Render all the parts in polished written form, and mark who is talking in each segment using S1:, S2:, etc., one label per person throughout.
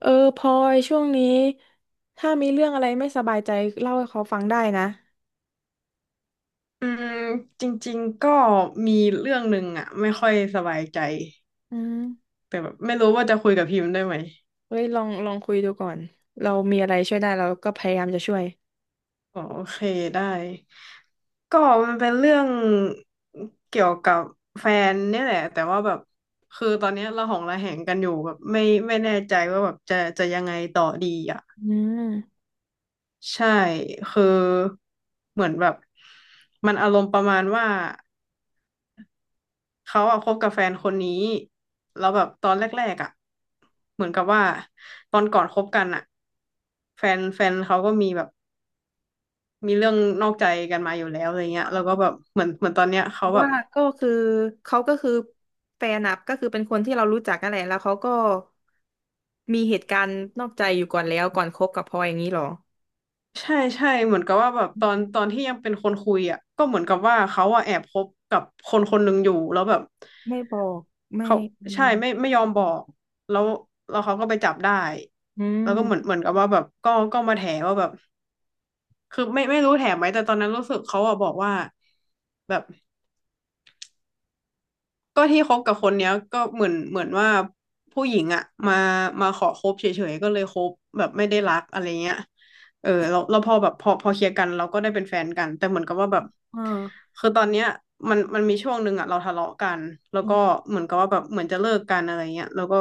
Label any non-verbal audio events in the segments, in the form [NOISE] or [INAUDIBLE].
S1: เออพลอยช่วงนี้ถ้ามีเรื่องอะไรไม่สบายใจเล่าให้เขาฟังได้นะ
S2: อืมจริงๆก็มีเรื่องหนึ่งอ่ะไม่ค่อยสบายใจ
S1: อืม
S2: แต่แบบไม่รู้ว่าจะคุยกับพิมพ์ได้ไหม
S1: เฮ้ยลองคุยดูก่อนเรามีอะไรช่วยได้เราก็พยายามจะช่วย
S2: อ๋อโอเคได้ก็มันเป็นเรื่องเกี่ยวกับแฟนเนี่ยแหละแต่ว่าแบบคือตอนเนี้ยเราหองระแหงกันอยู่แบบไม่แน่ใจว่าแบบจะยังไงต่อดีอ่ะ
S1: อืม
S2: ใช่คือเหมือนแบบมันอารมณ์ประมาณว่า เขาอะคบกับแฟนคนนี้แล้วแบบตอนแรกๆอะเหมือนกับว่าตอนก่อนคบกันอะแฟนเขาก็มีแบบมีเรื่องนอกใจกันมาอยู่แล้วอะไรเงี้ยแล้วก็แบบเหมือนตอนเนี้ยเขาแบบ
S1: ว่าก็คือเขาก็คือแฟนอะก็คือเป็นคนที่เรารู้จักกันแหละแล้วเขาก็มีเหตุการณ์นอกใจอยู่ก่อนแล้วก่อนคบกับพลอยอย่างนี้หรอ
S2: ใช่ใช่เหมือนกับว่าแบบตอนที่ยังเป็นคนคุยอะก็เหมือนกับว่าเขาอะแอบคบกับคนคนหนึ่งอยู่แล้วแบบ
S1: ไม่บอกไม่
S2: เขา
S1: อื
S2: ใช่ไม่
S1: ม
S2: ไม่ยอมบอกแล้วแล้วเขาก็ไปจับได้
S1: อื
S2: แล้วก็เหมือน
S1: ม
S2: เหมือนกับว่าแบบก็มาแถว่าแบบ คือไม่รู้แถมไหมแต่ตอนนั้นรู้สึกเขาอะบอกว่าแบบก็ที่คบกับคนเนี้ยก็เหมือนว่าผู้หญิงอะมาขอคบเฉยๆก็เลยคบแบบไม่ได้รักอะไรเงี้ยเออเราพอแบบพอเคลียร์กันเราก็ได้เป็นแฟนกันแต่เหมือนกับว่าแบบ
S1: อ่า
S2: คือตอนเนี้ยมันมีช่วงหนึ่งอะเราทะเลาะกันแล้วก็เหมือนกับว่าแบบเหมือนจะเลิกกันอะไรเงี้ยแล้วก็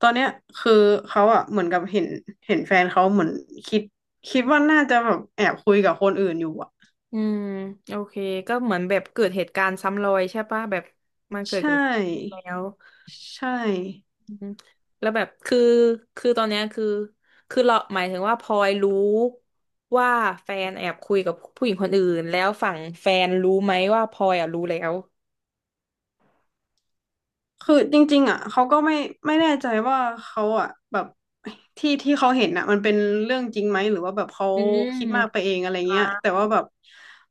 S2: ตอนเนี้ยคือเขาอะเหมือนกับเห็นแฟนเขาเหมือนคิดคิดว่าน่าจะแบบแอบคุยกับคนอื่นอยู่อะ
S1: อืมโอเคก็เหมือนแบบเกิดเหตุการณ์ซ้ำรอยใช่ปะแบบมันเกิ
S2: ใช
S1: ดกับแล้
S2: ่
S1: ว
S2: ใช่
S1: อืมแล้วแบบคือคือตอนเนี้ยคือคือเราหมายถึงว่าพลอยรู้ว่าแฟนแอบคุยกับผู้หญิงคนอื่นแล้วฝั่งแฟนรู้ไหมว่าพลอยอ่ะรู้แล้ว
S2: คือจริงๆอ่ะเขาก็ไม่แน่ใจว่าเขาอ่ะแบบที่ที่เขาเห็นอ่ะมันเป็นเรื่องจริงไหมหรือว่าแบบเขา
S1: อื
S2: คิด
S1: ม
S2: มากไปเองอะไร
S1: อ่า
S2: เงี้ยแต่ว่าแบบ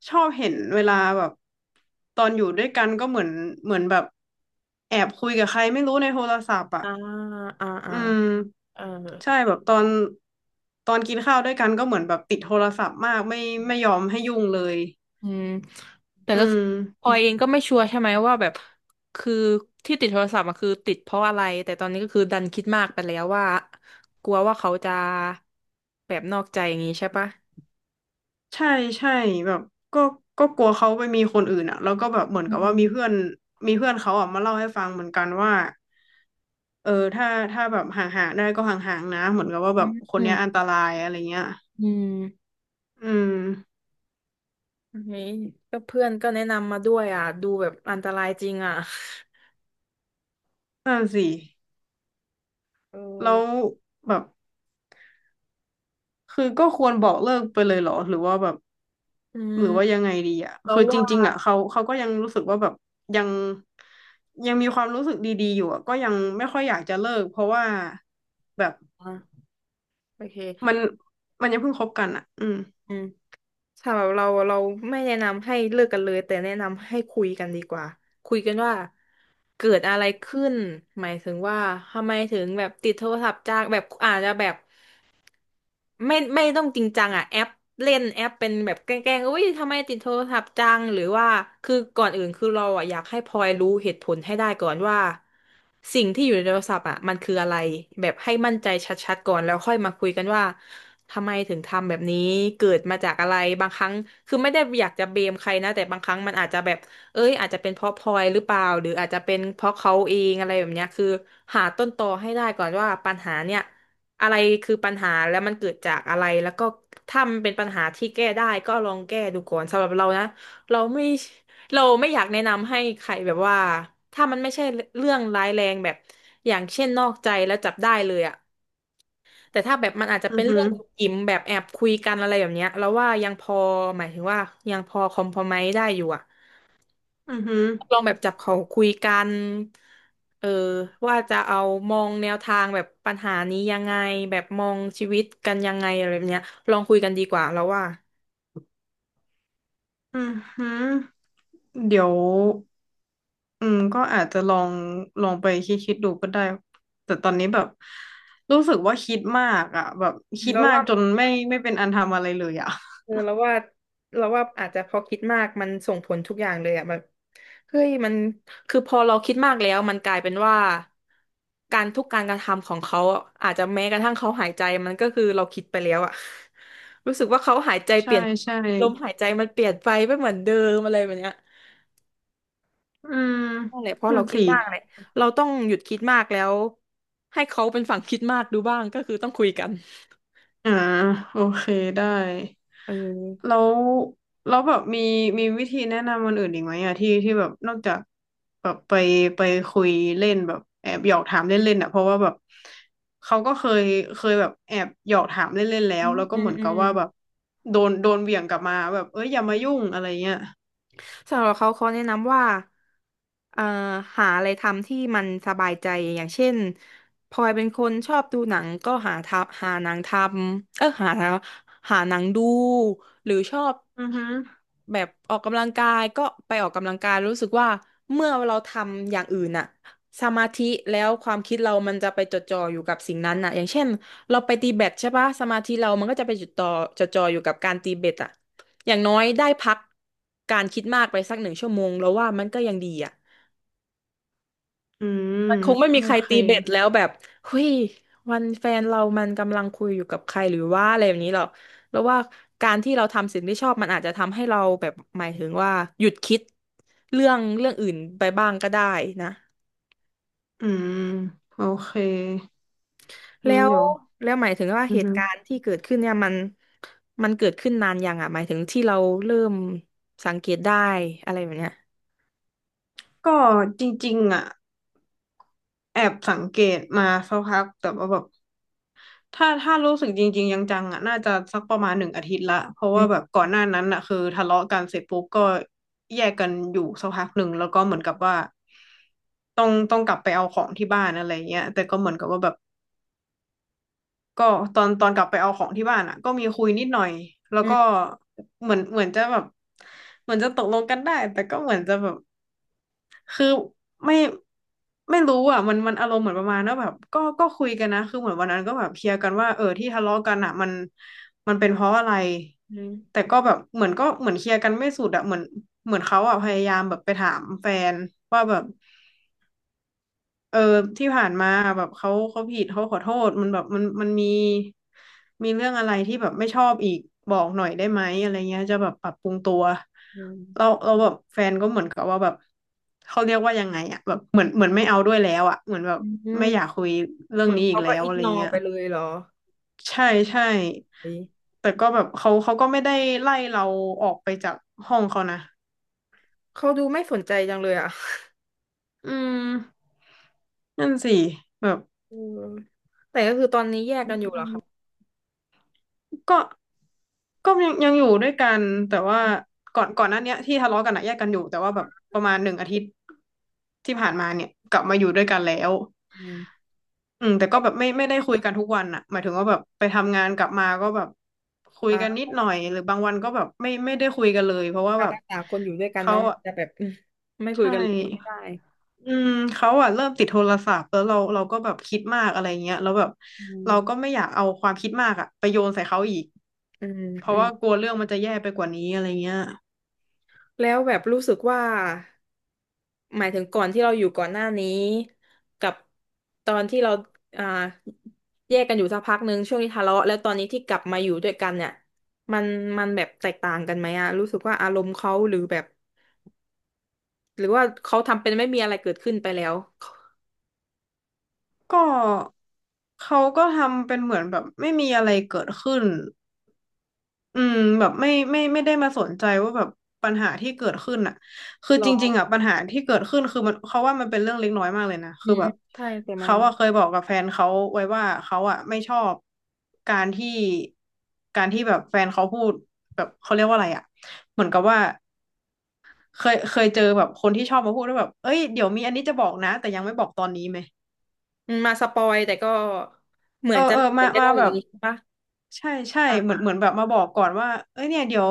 S2: ชอบเห็นเวลาแบบตอนอยู่ด้วยกันก็เหมือนแบบแอบคุยกับใครไม่รู้ในโทรศัพท์อ่ะ
S1: อ่าอ่าอ่า
S2: อืม
S1: เออ
S2: ใช่แบบตอนกินข้าวด้วยกันก็เหมือนแบบติดโทรศัพท์มากไม่ยอมให้ยุ่งเลย
S1: อืมแต่
S2: อื
S1: ก็คือ
S2: ม
S1: พลอยเองก็ไม่ชัวร์ใช่ไหมว่าแบบคือที่ติดโทรศัพท์อะคือติดเพราะอะไรแต่ตอนนี้ก็คือดันคิดมากไปแล้วว่ากลัวว่าเขาจะแบบนอกใจอย่างนี้ใช่ปะ
S2: ใช่ใช่แบบก็ก็กลัวเขาไปมีคนอื่นอ่ะแล้วก็แบบเหมือน
S1: อื
S2: กับว่ามี
S1: ม
S2: เพื่อนมีเพื่อนเขาอ่ะมาเล่าให้ฟังเหมือนกันว่าเออถ้าแบบห่างๆได้ก็ห่างๆนะเหมือนกับว่า
S1: อ
S2: แบบคน
S1: ื
S2: เนี้ยอัน
S1: ม
S2: ตรายอะไรเงี้ย
S1: อืม
S2: อืม
S1: เี้ก็เพื่อนก็แนะนำมาด้วยอ่ะดูแบบอันตรายจริงอ่ะ
S2: นั่นสิ
S1: เอ
S2: แล้ว
S1: อ
S2: แบบคือก็ควรบอกเลิกไปเลยเหรอหรือว่าแบบ
S1: อื
S2: หรือว่า
S1: ม
S2: ยังไงดีอ่ะ
S1: แล้ว
S2: คือจ
S1: ว่า
S2: ริงๆอ่ะเขาก็ยังรู้สึกว่าแบบยังยังมีความรู้สึกดีๆอยู่อ่ะก็ยังไม่ค่อยอยากจะเลิกเพราะว่าแบบ
S1: อ่ะโอเค
S2: มันมันยังเพิ่งคบกันอ่ะอืม
S1: อืม สำหรับเราเราไม่แนะนำให้เลิกกันเลยแต่แนะนำให้คุยกันดีกว่าคุยกันว่าเกิดอะไรขึ้นหมายถึงว่าทำไมถึงแบบติดโทรศัพท์จากแบบอาจจะแบบ ไม่ต้องจริงจังอ่ะแอปเล่นแอปเป็นแบบแกล้งๆอุ้ยทำไมติดโทรศัพท์จังหรือว่าคือก่อนอื่นคือเราอ่ะอยากให้พลอยรู้เหตุผลให้ได้ก่อนว่าสิ่งที่อยู่ในโทรศัพท์อ่ะมันคืออะไรแบบให้มั่นใจชัดๆก่อนแล้วค่อยมาคุยกันว่าทำไมถึงทำแบบนี้เกิดมาจากอะไรบางครั้งคือไม่ได้อยากจะเบมใครนะแต่บางครั้งมันอาจจะแบบเอ้ยอาจจะเป็นเพราะพลอยหรือเปล่าหรืออาจจะเป็นเพราะเขาเองอะไรแบบเนี้ยคือหาต้นตอให้ได้ก่อนว่าปัญหาเนี่ย อะไรคือปัญหาแล้วมันเกิดจากอะไรแล้วก็ถ้ามันเป็นปัญหาที่แก้ได้ก็ลองแก้ดูก่อนสำหรับเรานะเราไม่เราไม่อยากแนะนำให้ใครแบบว่าถ้ามันไม่ใช่เรื่องร้ายแรงแบบอย่างเช่นนอกใจแล้วจับได้เลยอะแต่ถ้าแบบมันอาจจะ
S2: อื
S1: เป็
S2: อ
S1: น
S2: หื
S1: เรื่
S2: อ
S1: องอิ่มแบบแอบคุยกันอะไรแบบเนี้ยเราว่ายังพอหมายถึงว่ายังพอคอมพรไมซ์ได้อยู่อะ
S2: อือหือ
S1: ลองแบบจับเขาคุยกันเออว่าจะเอามองแนวทางแบบปัญหานี้ยังไงแบบมองชีวิตกันยังไงอะไรแบบเนี้ยลองคุยกันดีกว่าแล้วว่า
S2: อือหือเดี๋ยวอืมก็อาจจะลองไปคิดดูก็ได้ แต่ตอนนี้แบบรู้สึกว่าคิดมากอ่ะแบบคิด
S1: เราว
S2: มาก
S1: ว่า
S2: จนไม่เป็นอันทำอะไรเลยอ่ะ
S1: เออราวว่าเราวว่าอาจจะพอคิดมากมันส่งผลทุกอย่างเลยอะแบบเฮ้ยมันคือพอเราคิดมากแล้วมันกลายเป็นว่าการทุกการกระทำของเขาอะอาจจะแม้กระทั่งเขาหายใจมันก็คือเราคิดไปแล้วอะ [LAUGHS] รู้สึกว่าเขาหายใจเป
S2: ใช่
S1: ลี่ยน
S2: ใช่
S1: ลมหายใจมันเปลี่ยนไปไม่เหมือนเดิมอะไรแบบเนี้ย
S2: อืม
S1: นั่นแหละเพราะ
S2: นั่
S1: เรา
S2: น
S1: คิด
S2: สิ
S1: มากเลยเราต้องหยุดคิดมากแล้วให้เขาเป็นฝั่งคิดมากดูบ้างก็คือต้องคุยกัน
S2: อ่าโอเคได้
S1: เออ
S2: แล้วแล้วแบบมีวิธีแนะนำคนอื่นอีกไหมอะที่ที่แบบนอกจากแบบไปคุยเล่นแบบแอบหยอกถามเล่นๆอะเพราะว่าแบบเขาก็เคยแบบแอบหยอกถามเล่นๆแล้
S1: อื
S2: ว
S1: ม
S2: แล้วก็
S1: อื
S2: เห
S1: ม
S2: มือน
S1: อื
S2: กับว่าแบบโดนเหวี่ยงกลับมาแบบเอ้ยอย่ามายุ่
S1: ม
S2: งอะไรเงี้ย
S1: สำหรับเขาเขาแนะนำว่าเอ่อหาอะไรทำที่มันสบายใจอย่างเช่นพลอยเป็นคนชอบดูหนังก็หาทำหาหนังทำเออหาหาหนังดูหรือชอบ
S2: อือฮึ
S1: แบบออกกำลังกายก็ไปออกกำลังกายรู้สึกว่าเมื่อเราทำอย่างอื่นน่ะสมาธิแล้วความคิดเรามันจะไปจดจ่ออยู่กับสิ่งนั้นน่ะอย่างเช่นเราไปตีแบดใช่ปะสมาธิเรามันก็จะไปจดจ่อจดจ่ออยู่กับการตีแบดอ่ะ อย่างน้อยได้พักการคิดมากไปสักหนึ่งชั่วโมงแล้วว่ามันก็ยังดีอ่ะ
S2: อืม
S1: มันคงไม่
S2: โอ
S1: มีใคร
S2: เค
S1: ตีเบ็ดแล้วแบบเฮ้ยวันแฟนเรามันกำลังคุยอยู่กับใครหรือว่าอะไรแบบนี้หรอกแล้วว่าการที่เราทำสิ่งที่ชอบมันอาจจะทำให้เราแบบหมายถึงว่าหยุดคิดเรื่องเรื่องอื่นไปบ้างก็ได้นะ
S2: อืมโอเค
S1: แล้
S2: งั้น
S1: ว
S2: เดี๋ยว
S1: แล้วหมายถึงว่า
S2: อื
S1: เห
S2: อฮึ
S1: ตุการณ์ที่เกิดขึ้นเนี่ยมันมันเกิดขึ้นนานยังอ่ะหมายถึงที่เราเริ่มสังเกตได้อะไรแบบเนี้ย
S2: ก็จริงๆอ่ะ แอบสังเกตมาสักพักแต่ว่าแบบถ้ารู้สึกจริงๆยังจังๆอ่ะน่าจะสักประมาณหนึ่งอาทิตย์ละเพราะ
S1: อื
S2: ว่าแบ
S1: ม
S2: บก่อนหน้านั้นอ่ะคือทะเลาะกันเสร็จปุ๊บก็แยกกันอยู่สักพักหนึ่งแล้วก็เหมือนกับว่าต้องกลับไปเอาของที่บ้านอะไรเงี้ยแต่ก็เหมือนกับว่าแบบก็ตอนกลับไปเอาของที่บ้านอ่ะก็มีคุยนิดหน่อยแล้ว
S1: อื
S2: ก็
S1: ม
S2: เหมือนจะแบบเหมือนจะตกลงกันได้แต่ก็เหมือนจะแบบ คือไม่ไม่รู้อ่ะมันอารมณ์เหมือนประมาณว่าแบบก็คุยกันนะคือเหมือนวันนั้นก็แบบเคลียร์กันว่าเออที่ทะเลาะกันอ่ะมันเป็นเพราะอะไร
S1: อืม
S2: แต่ก็แบบเหมือนก็เหมือนเคลียร์กันไม่สุดอ่ะเหมือนเขาอ่ะพยายามแบบไปถามแฟนว่าแบบ เออที่ผ่านมาแบบเขาผิดเขาขอโทษมันแบบมันมีเรื่องอะไรที่แบบไม่ชอบอีกบอกหน่อยได้ไหมอะไรเงี้ยจะแบบปรับปรุงตัว
S1: อื
S2: เรา
S1: ม
S2: แบบแฟนก็เหมือนกับว่าแบบเขาเรียกว่ายังไงอะแบบเหมือนไม่เอาด้วยแล้วอะเหมือนแบบ
S1: อืม
S2: ไม่อยากคุยเรื่อ
S1: เห
S2: ง
S1: มือน
S2: นี้อีก
S1: เขา
S2: แล้
S1: ก็
S2: ว
S1: อิก
S2: อะไร
S1: นอ
S2: เงี้ย
S1: ไปเลยเหรอ
S2: ใช่ใช่
S1: เฮ้ย
S2: แต่ก็แบบเขาก็ไม่ได้ไล่เราออกไปจากห้องเขานะ
S1: เขาดูไม่สนใจจังเลยอ่ะ
S2: อืมนั่นสิแบบ
S1: เออแต่ก็คือตอนนี้แยกกันอยู่เหรอครับ
S2: ก็ยังอยู่ด้วยกันแต่ว่าก่อนหน้าเนี้ยที่ทะเลาะกันอะแยกกันอยู่แต่ว่าแบบประมาณหนึ่งอาทิตย์ที่ผ่านมาเนี่ยกลับมาอยู่ด้วยกันแล้ว
S1: อืม
S2: อืมแต่ก็แบบไม่ได้คุยกันทุกวันอะหมายถึงว่าแบบไปทำงานกลับมาก็แบบคุย
S1: อ่
S2: กันนิด
S1: า
S2: หน่อยหรือบางวันก็แบบไม่ได้คุยกันเลยเพราะว่า
S1: ตาม
S2: แบบ
S1: ภาษาคนอยู่ด้วยกัน
S2: เขา
S1: เนาะมัน
S2: อะ
S1: จะแบบ [LAUGHS] อืมไม่คุย
S2: ใช่
S1: กันเลยก็ไม่ได้
S2: อืมเขาอะเริ่มติดโทรศัพท์แล้วเราก็แบบคิดมากอะไรเงี้ยแล้วแบบ
S1: อืม
S2: เราก็ไม่อยากเอาความคิดมากอะไปโยนใส่เขาอีก
S1: อืม
S2: เพ
S1: อื
S2: ราะ
S1: ม
S2: ว่ากลัวเรื่องมันจะแย่ไปกว่านี้อะไรเงี้ย
S1: แล้วแบบรู้สึกว่าหมายถึงก่อนที่เราอยู่ก่อนหน้านี้กับตอนที่เราอ่าแยกกันอยู่สักพักหนึ่งช่วงที่ทะเลาะแล้วตอนนี้ที่กลับมาอยู่ด้วยกันเนี่ยมันมันแบบแตกต่างกันไหมอะรู้สึกว่าอารมณ์เขาหรือแบบ หรือว่าเขาทำเป็นไม่มีอะไรเกิดขึ้นไปแล้ว
S2: ก็เขาก็ทำเป็นเหมือนแบบไม่มีอะไรเกิดขึ้นอืมแบบไม่ได้มาสนใจว่าแบบปัญหาที่เกิดขึ้นอ่ะคือ
S1: หร
S2: จ
S1: อ
S2: ริงๆอ่ะปัญหาที่เกิดขึ้นคือมันเขาว่ามันเป็นเรื่องเล็กน้อยมากเลยนะ
S1: อื
S2: คือ
S1: ม
S2: แบ
S1: อื
S2: บ
S1: มใช่ แต่มัน
S2: เขาอ่ะเคยบอกกับแฟนเขาไว้ว่าเขาอ่ะไม่ชอบการที่แบบแฟนเขาพูดแบบเขาเรียกว่าอะไรอ่ะเหมือนกับว่าเคยเจอแบบคนที่ชอบมาพูดว่าแบบเอ้ยเดี๋ยวมีอันนี้จะบอกนะแต่ยังไม่บอกตอนนี้ไหม
S1: มัน มาสปอยแต่ก็เหมือ
S2: เอ
S1: นจะ
S2: อ
S1: เห็
S2: มา
S1: นจะได้อ
S2: แบ
S1: ย่าง
S2: บ
S1: นี้ใช่ปะ
S2: ใช่ใช่
S1: อ่
S2: เหมือน
S1: า
S2: แบบมาบอกก่อนว่าเอ้ยเนี่ยเดี๋ยว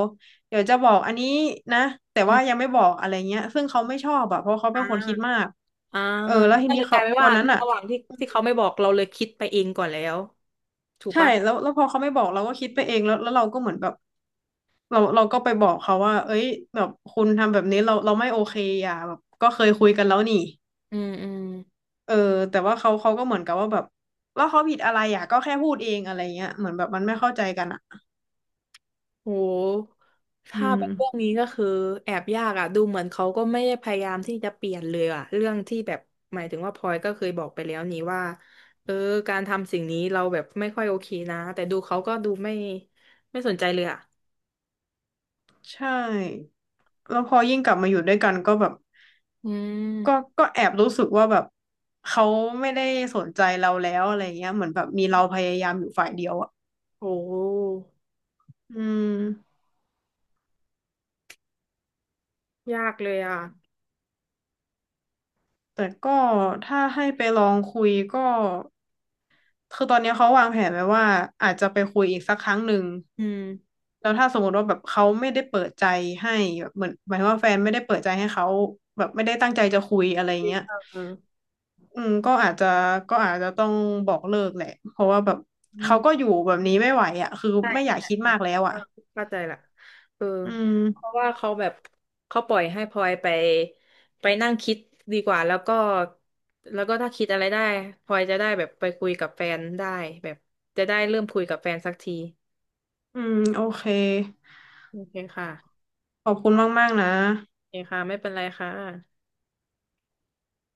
S2: จะบอกอันนี้นะแต่
S1: อื
S2: ว่า
S1: ม
S2: ยังไม่บอกอะไรเงี้ยซึ่งเขาไม่ชอบอะเพราะเขา
S1: อ่
S2: เป็นคนคิด
S1: า
S2: มาก
S1: อ่า
S2: เออแล้วที
S1: ก็เล
S2: นี้
S1: ยก
S2: เขา
S1: ลายเป็น
S2: วั
S1: ว่า
S2: นนั้
S1: ใน
S2: นอะ
S1: ระหว่างที่ที่เขาไม่บอกเราเลยคิดไปเองก่อนแล้ว ถูก
S2: ใช่
S1: ปะ
S2: แล้วพอเขาไม่บอกเราก็คิดไปเองแล้วเราก็เหมือนแบบเราก็ไปบอกเขาว่าเอ้ยแบบคุณทำแบบนี้เราไม่โอเคอ่ะแบบก็เคยคุยกันแล้วนี่
S1: อืมอืม
S2: เออแต่ว่าเขาก็เหมือนกับว่าแบบว่าเขาผิดอะไรอ่ะก็แค่พูดเองอะไรเงี้ยเหมือนแบบมันไม่เข้าใจกันอ่ะ
S1: โห
S2: อื
S1: ถ้า
S2: ม
S1: เป็นเรื่องนี้ก็คือแอบยากอ่ะดูเหมือนเขาก็ไม่ได้พยายามที่จะเปลี่ยนเลยอ่ะเรื่องที่แบบหมายถึงว่าพลอยก็เคยบอกไปแล้วนี่ว่า เออการทำสิ่งนี้เราแบบไม่ค่อยโอเคนะ แต่ดูเขาก็ดูไม่สนใจเลยอ่ะ
S2: ใช่ แล้วพอยิ่งกลับมาอยู่ด้วยกันก็แบบ
S1: อื
S2: ก็
S1: ม
S2: ก็แอบรู้สึกว่าแบบเขาไม่ได้สนใจเราแล้วอะไรเงี้ยเหมือนแบบมีเราพยายามอยู่ฝ่ายเดียวอ่ะ
S1: โห
S2: อืม
S1: ยากเลยอ่ะ
S2: แต่ก็ถ้าให้ไปลองคุยก็คือตอนนี้เขาวางแผนไว้ว่าอาจจะไปคุยอีกสักครั้งหนึ่ง
S1: อืม
S2: แล้วถ้าสมมติว่าแบบเขาไม่ได้เปิดใจให้แบบเหมือนหมายถึงว่าแฟนไม่ได้เปิดใจให้เขาแบบไม่ได้ตั้งใจจะคุยอะไรเงี้ย
S1: เออ
S2: อืมก็อาจจะต้องบอกเลิกแหละเพราะว่าแบบ
S1: อื
S2: เขา
S1: ม
S2: ก็อยู่แบบนี้ไม่ไหวอ่ะคือ
S1: ใช่
S2: ไม่อ
S1: ใช่
S2: ยาก
S1: อ่ะ
S2: คิด
S1: เอ
S2: มากแล้วอ่ะ
S1: อเข้าใจละเออ
S2: อืม
S1: เพราะว่าเขาแบบเขาปล่อยให้พลอยไปไปนั่งคิดดีกว่าแล้วก็แล้วก็ถ้าคิดอะไรได้พลอยจะได้แบบไปคุยกับแฟนได้แบบจะได้เริ่มคุยกับแฟนสักที
S2: อืมโอเค
S1: โอเคค่ะ
S2: ขอบคุณมากๆนะ
S1: โอเคค่ะไม่เป็นไรค่ะ